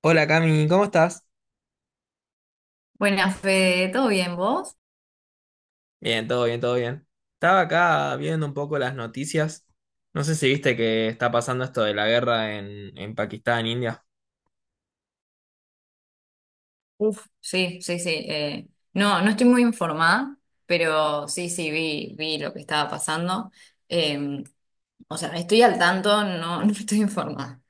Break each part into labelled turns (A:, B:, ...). A: Hola Cami, ¿cómo estás?
B: Buenas, Fede, ¿todo bien vos?
A: Bien, todo bien, todo bien. Estaba acá viendo un poco las noticias. No sé si viste que está pasando esto de la guerra en Pakistán, India.
B: Uf, sí, sí, sí. No, no estoy muy informada, pero sí, sí, vi lo que estaba pasando. Eh, o sea, estoy al tanto, no, no estoy informada.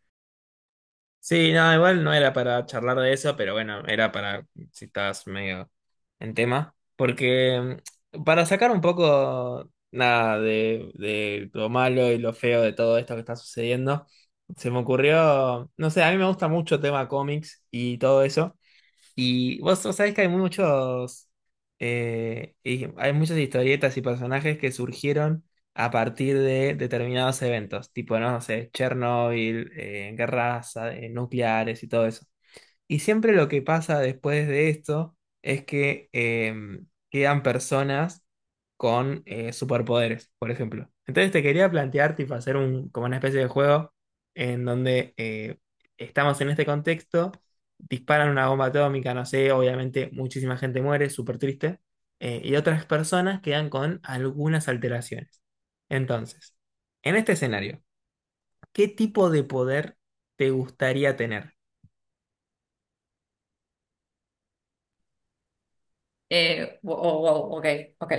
A: Sí, no, igual no era para charlar de eso, pero bueno, era para si estás medio en tema. Porque para sacar un poco nada de lo malo y lo feo de todo esto que está sucediendo, se me ocurrió, no sé, a mí me gusta mucho tema cómics y todo eso. Y vos sabés que hay muchos, y hay muchas historietas y personajes que surgieron a partir de determinados eventos, tipo, no sé, Chernobyl, guerras, nucleares y todo eso. Y siempre lo que pasa después de esto es que quedan personas con superpoderes, por ejemplo. Entonces te quería plantear, tipo, hacer un, como una especie de juego en donde estamos en este contexto, disparan una bomba atómica, no sé, obviamente muchísima gente muere, súper triste, y otras personas quedan con algunas alteraciones. Entonces, en este escenario, ¿qué tipo de poder te gustaría tener?
B: Wow, wow, ok, ok.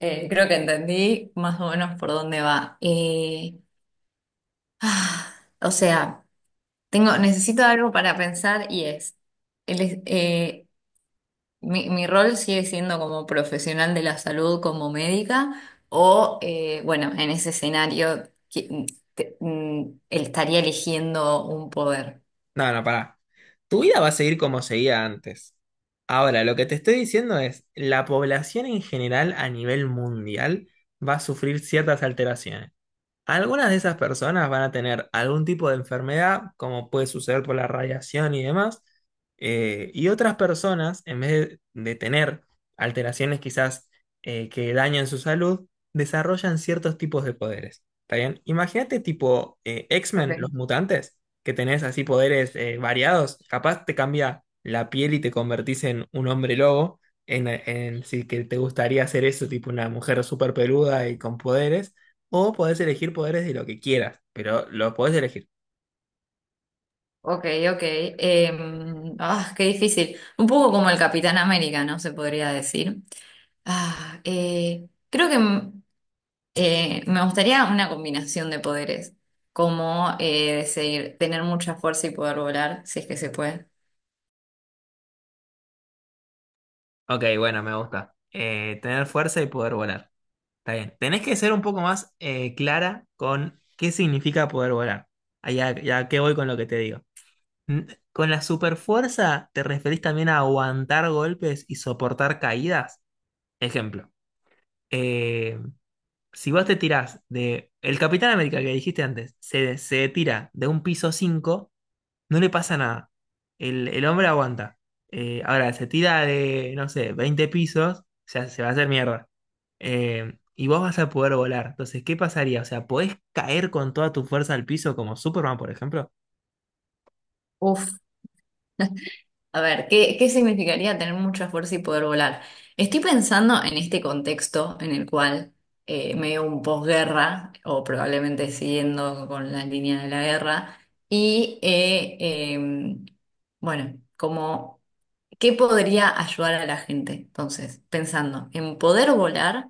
B: Creo que entendí más o menos por dónde va. Ah, o sea, necesito algo para pensar y es, el, es- eh, mi rol sigue siendo como profesional de la salud, como médica, o bueno, en ese escenario estaría eligiendo un poder.
A: No, no, pará. Tu vida va a seguir como seguía antes. Ahora, lo que te estoy diciendo es, la población en general a nivel mundial va a sufrir ciertas alteraciones. Algunas de esas personas van a tener algún tipo de enfermedad, como puede suceder por la radiación y demás, y otras personas, en vez de tener alteraciones quizás que dañan su salud, desarrollan ciertos tipos de poderes. ¿Está bien? Imagínate tipo
B: Ok,
A: X-Men, los mutantes, que tenés así poderes variados, capaz te cambia la piel y te convertís en un hombre lobo, si que te gustaría hacer eso, tipo una mujer súper peluda y con poderes. O podés elegir poderes de lo que quieras, pero los podés elegir.
B: ok, ok. Qué difícil. Un poco como el Capitán América, ¿no? Se podría decir. Creo que me gustaría una combinación de poderes, como decir, tener mucha fuerza y poder volar, si es que se puede.
A: Ok, bueno, me gusta. Tener fuerza y poder volar. Está bien. Tenés que ser un poco más clara con qué significa poder volar. Allá, ya qué voy con lo que te digo. N- ¿Con la superfuerza te referís también a aguantar golpes y soportar caídas? Ejemplo. Eh, si vos te tirás de... El Capitán América que dijiste antes, se tira de un piso 5. No le pasa nada. El hombre aguanta. Ahora, se tira de, no sé, 20 pisos, o sea, se va a hacer mierda. Y vos vas a poder volar. Entonces, ¿qué pasaría? O sea, ¿podés caer con toda tu fuerza al piso como Superman, por ejemplo?
B: Uf. A ver, qué significaría tener mucho esfuerzo y poder volar? Estoy pensando en este contexto en el cual medio un posguerra, o probablemente siguiendo con la línea de la guerra, y em, bueno, como ¿qué podría ayudar a la gente? Entonces, pensando en poder volar,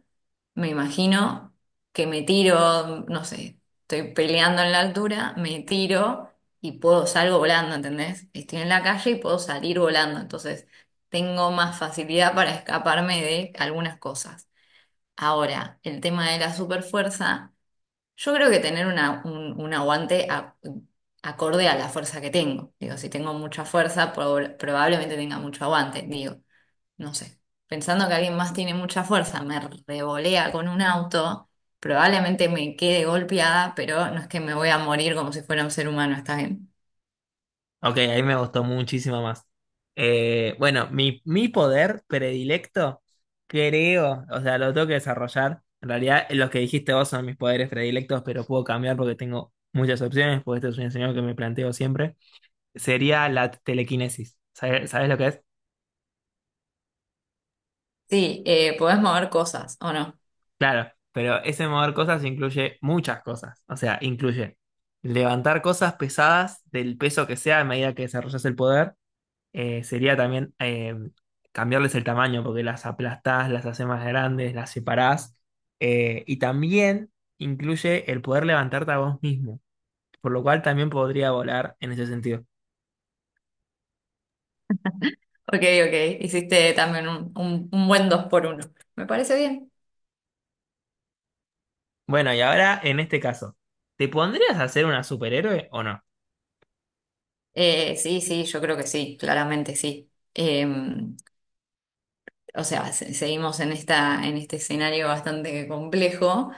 B: me imagino que me tiro, no sé, estoy peleando en la altura, me tiro y puedo salgo volando, ¿entendés? Estoy en la calle y puedo salir volando, entonces tengo más facilidad para escaparme de algunas cosas. Ahora, el tema de la superfuerza. Yo creo que tener un aguante acorde a la fuerza que tengo. Digo, si tengo mucha fuerza, probablemente tenga mucho aguante. Digo, no sé. Pensando que alguien más tiene mucha fuerza, me revolea con un auto, probablemente me quede golpeada, pero no es que me voy a morir como si fuera un ser humano, ¿está bien?
A: Ok, ahí me gustó muchísimo más. Bueno, mi poder predilecto, creo, o sea, lo tengo que desarrollar. En realidad, los que dijiste vos son mis poderes predilectos, pero puedo cambiar porque tengo muchas opciones, porque este es un escenario que me planteo siempre. Sería la telequinesis. ¿Sabes lo que es?
B: Sí, podés mover cosas, ¿o no?
A: Claro, pero ese mover cosas incluye muchas cosas. O sea, incluye levantar cosas pesadas del peso que sea a medida que desarrollas el poder. Sería también cambiarles el tamaño porque las aplastás, las haces más grandes, las separás. Y también incluye el poder levantarte a vos mismo, por lo cual también podría volar en ese sentido.
B: Ok, ok, hiciste también un buen dos por uno. Me parece bien.
A: Bueno, y ahora en este caso, ¿te pondrías a ser una superhéroe o no?
B: Sí, sí, yo creo que sí, claramente sí. O sea, seguimos en en este escenario bastante complejo,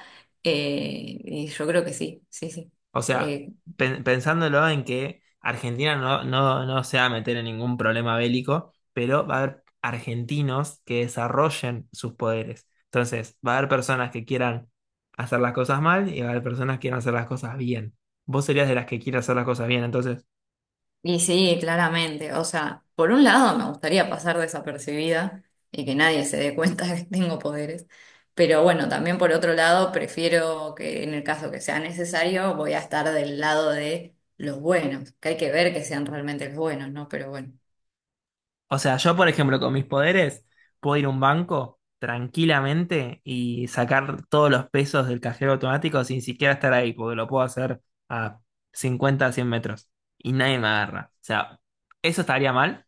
B: y yo creo que sí, sí, sí.
A: O sea,
B: Sí,
A: pensándolo en que Argentina no, no, no se va a meter en ningún problema bélico, pero va a haber argentinos que desarrollen sus poderes. Entonces, va a haber personas que quieran hacer las cosas mal y va a haber personas que quieran hacer las cosas bien. Vos serías de las que quiere hacer las cosas bien, entonces.
B: y sí, claramente. O sea, por un lado me gustaría pasar desapercibida y que nadie se dé cuenta que tengo poderes, pero bueno, también por otro lado prefiero que en el caso que sea necesario voy a estar del lado de los buenos, que hay que ver que sean realmente los buenos, ¿no? Pero bueno.
A: O sea, yo, por ejemplo, con mis poderes, puedo ir a un banco tranquilamente y sacar todos los pesos del cajero automático sin siquiera estar ahí, porque lo puedo hacer a 50, 100 metros y nadie me agarra. O sea, ¿eso estaría mal?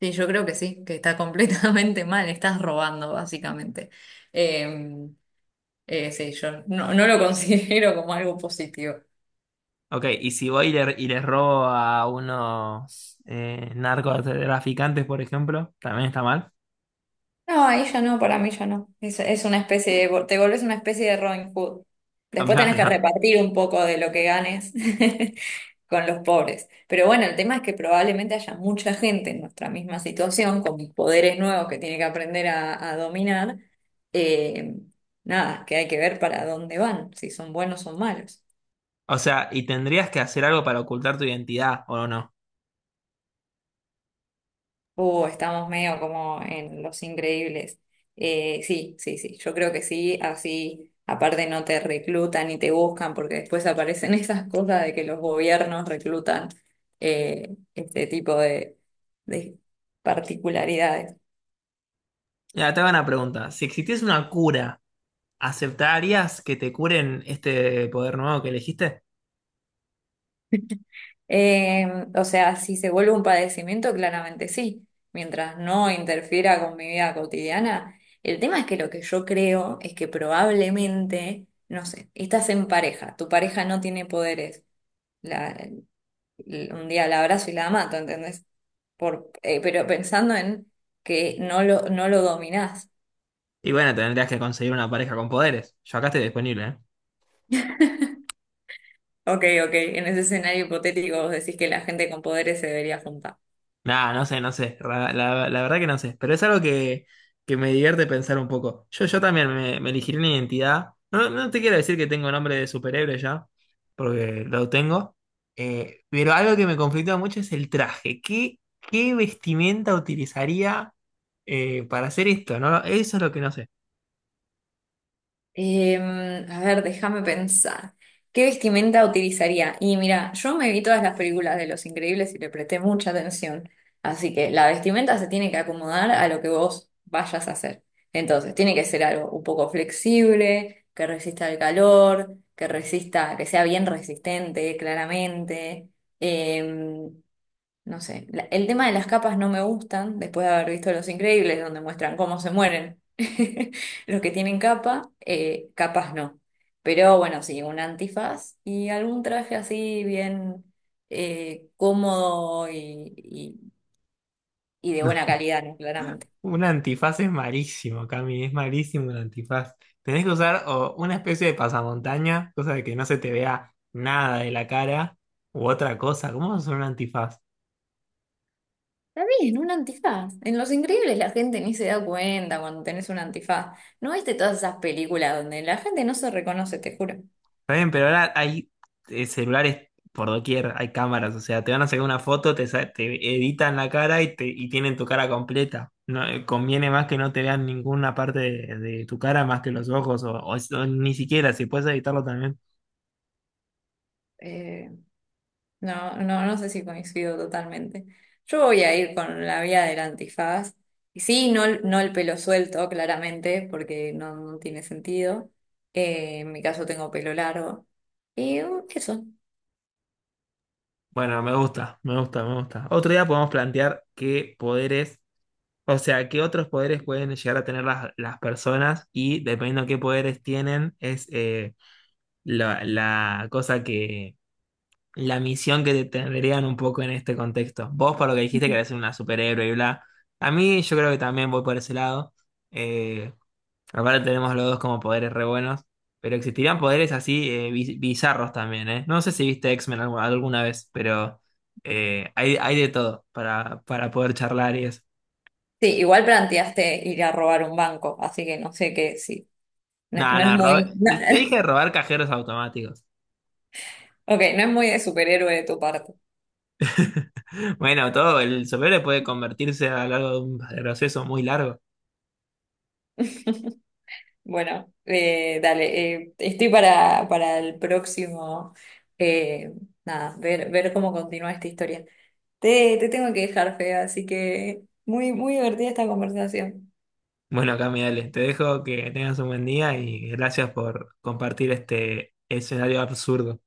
B: Sí, yo creo que sí, que está completamente mal, estás robando básicamente. Eh, sí, yo no, no lo considero como algo positivo.
A: Ok, y si voy y y les robo a unos narcotraficantes, por ejemplo, ¿también está mal?
B: No, ahí ya no, para mí ya no. Es una especie de, te volvés una especie de Robin Hood. Después
A: No,
B: tenés que
A: no.
B: repartir un poco de lo que ganes con los pobres. Pero bueno, el tema es que probablemente haya mucha gente en nuestra misma situación, con poderes nuevos que tiene que aprender a dominar. Eh, Nada, que hay que ver para dónde van, si son buenos o malos.
A: O sea, y tendrías que hacer algo para ocultar tu identidad, ¿o no?
B: Estamos medio como en Los Increíbles. Sí, sí, sí, yo creo que sí, así aparte no te reclutan y te buscan porque después aparecen esas cosas de que los gobiernos reclutan este tipo de particularidades.
A: Mira, te hago una pregunta. Si existiese una cura, ¿aceptarías que te curen este poder nuevo que elegiste?
B: Eh, o sea, si se vuelve un padecimiento, claramente sí, mientras no interfiera con mi vida cotidiana. El tema es que lo que yo creo es que probablemente, no sé, estás en pareja, tu pareja no tiene poderes. la- un día la abrazo y la mato, ¿entendés? Por, pero pensando en que no lo dominás.
A: Y bueno, tendrías que conseguir una pareja con poderes. Yo acá estoy disponible, ¿eh?
B: Ok, ok, en ese escenario hipotético vos decís que la gente con poderes se debería juntar.
A: Nah, no sé, no sé. La verdad que no sé. Pero es algo que me divierte pensar un poco. Yo también me elegiría una identidad. No, no te quiero decir que tengo nombre de superhéroe ya, porque lo tengo. Pero algo que me conflictúa mucho es el traje. ¿Qué vestimenta utilizaría para hacer esto? No, eso es lo que no sé.
B: Em, a ver, déjame pensar. ¿Qué vestimenta utilizaría? Y mira, yo me vi todas las películas de Los Increíbles y le presté mucha atención. Así que la vestimenta se tiene que acomodar a lo que vos vayas a hacer. Entonces, tiene que ser algo un poco flexible, que resista el calor, que resista, que sea bien resistente, claramente. Em, no sé, el tema de las capas no me gustan, después de haber visto Los Increíbles, donde muestran cómo se mueren los que tienen capa, capas no. Pero bueno, sí, un antifaz y algún traje así bien cómodo y de buena calidad, ¿no? Claramente.
A: Un antifaz es malísimo, Cami, es malísimo un antifaz. Tenés que usar o una especie de pasamontaña, cosa de que no se te vea nada de la cara, u otra cosa. ¿Cómo vas a usar un antifaz?
B: Está bien, un antifaz. En Los Increíbles la gente ni se da cuenta cuando tenés un antifaz. ¿No viste todas esas películas donde la gente no se reconoce, te juro?
A: Está bien, pero ahora hay celulares por doquier, hay cámaras, o sea, te van a sacar una foto, te editan la cara y tienen tu cara completa. No, conviene más que no te vean ninguna parte de tu cara más que los ojos, o ni siquiera, si puedes editarlo también.
B: Eh, No, no, no sé si coincido totalmente. Yo voy a ir con la vía del antifaz. Y sí, no, no el pelo suelto, claramente, porque no, no tiene sentido. En mi caso tengo pelo largo. Y eso.
A: Bueno, me gusta, me gusta, me gusta. Otro día podemos plantear qué poderes, o sea, qué otros poderes pueden llegar a tener las personas y dependiendo de qué poderes tienen, es la cosa que, la misión que tendrían un poco en este contexto. Vos, por lo que dijiste,
B: Ujú.
A: querés ser una superhéroe y bla. A mí yo creo que también voy por ese lado. Eh, Aparte tenemos los dos como poderes re buenos, pero existirían poderes así bizarros también, ¿eh? No sé si viste X-Men alguna vez, pero hay de todo para poder charlar y eso.
B: Sí, igual planteaste ir a robar un banco, así que no sé qué, sí. No,
A: No,
B: no es
A: no,
B: muy.
A: te dije robar cajeros automáticos.
B: Ok, no es muy de superhéroe de tu parte.
A: Bueno, todo, el superhéroe puede convertirse a lo largo de un proceso muy largo.
B: Bueno, dale, estoy para el próximo. eh, Nada, ver, ver cómo continúa esta historia. Te tengo que dejar, Fea, así que muy, muy divertida esta conversación.
A: Bueno, Cami, dale, te dejo que tengas un buen día y gracias por compartir este escenario absurdo.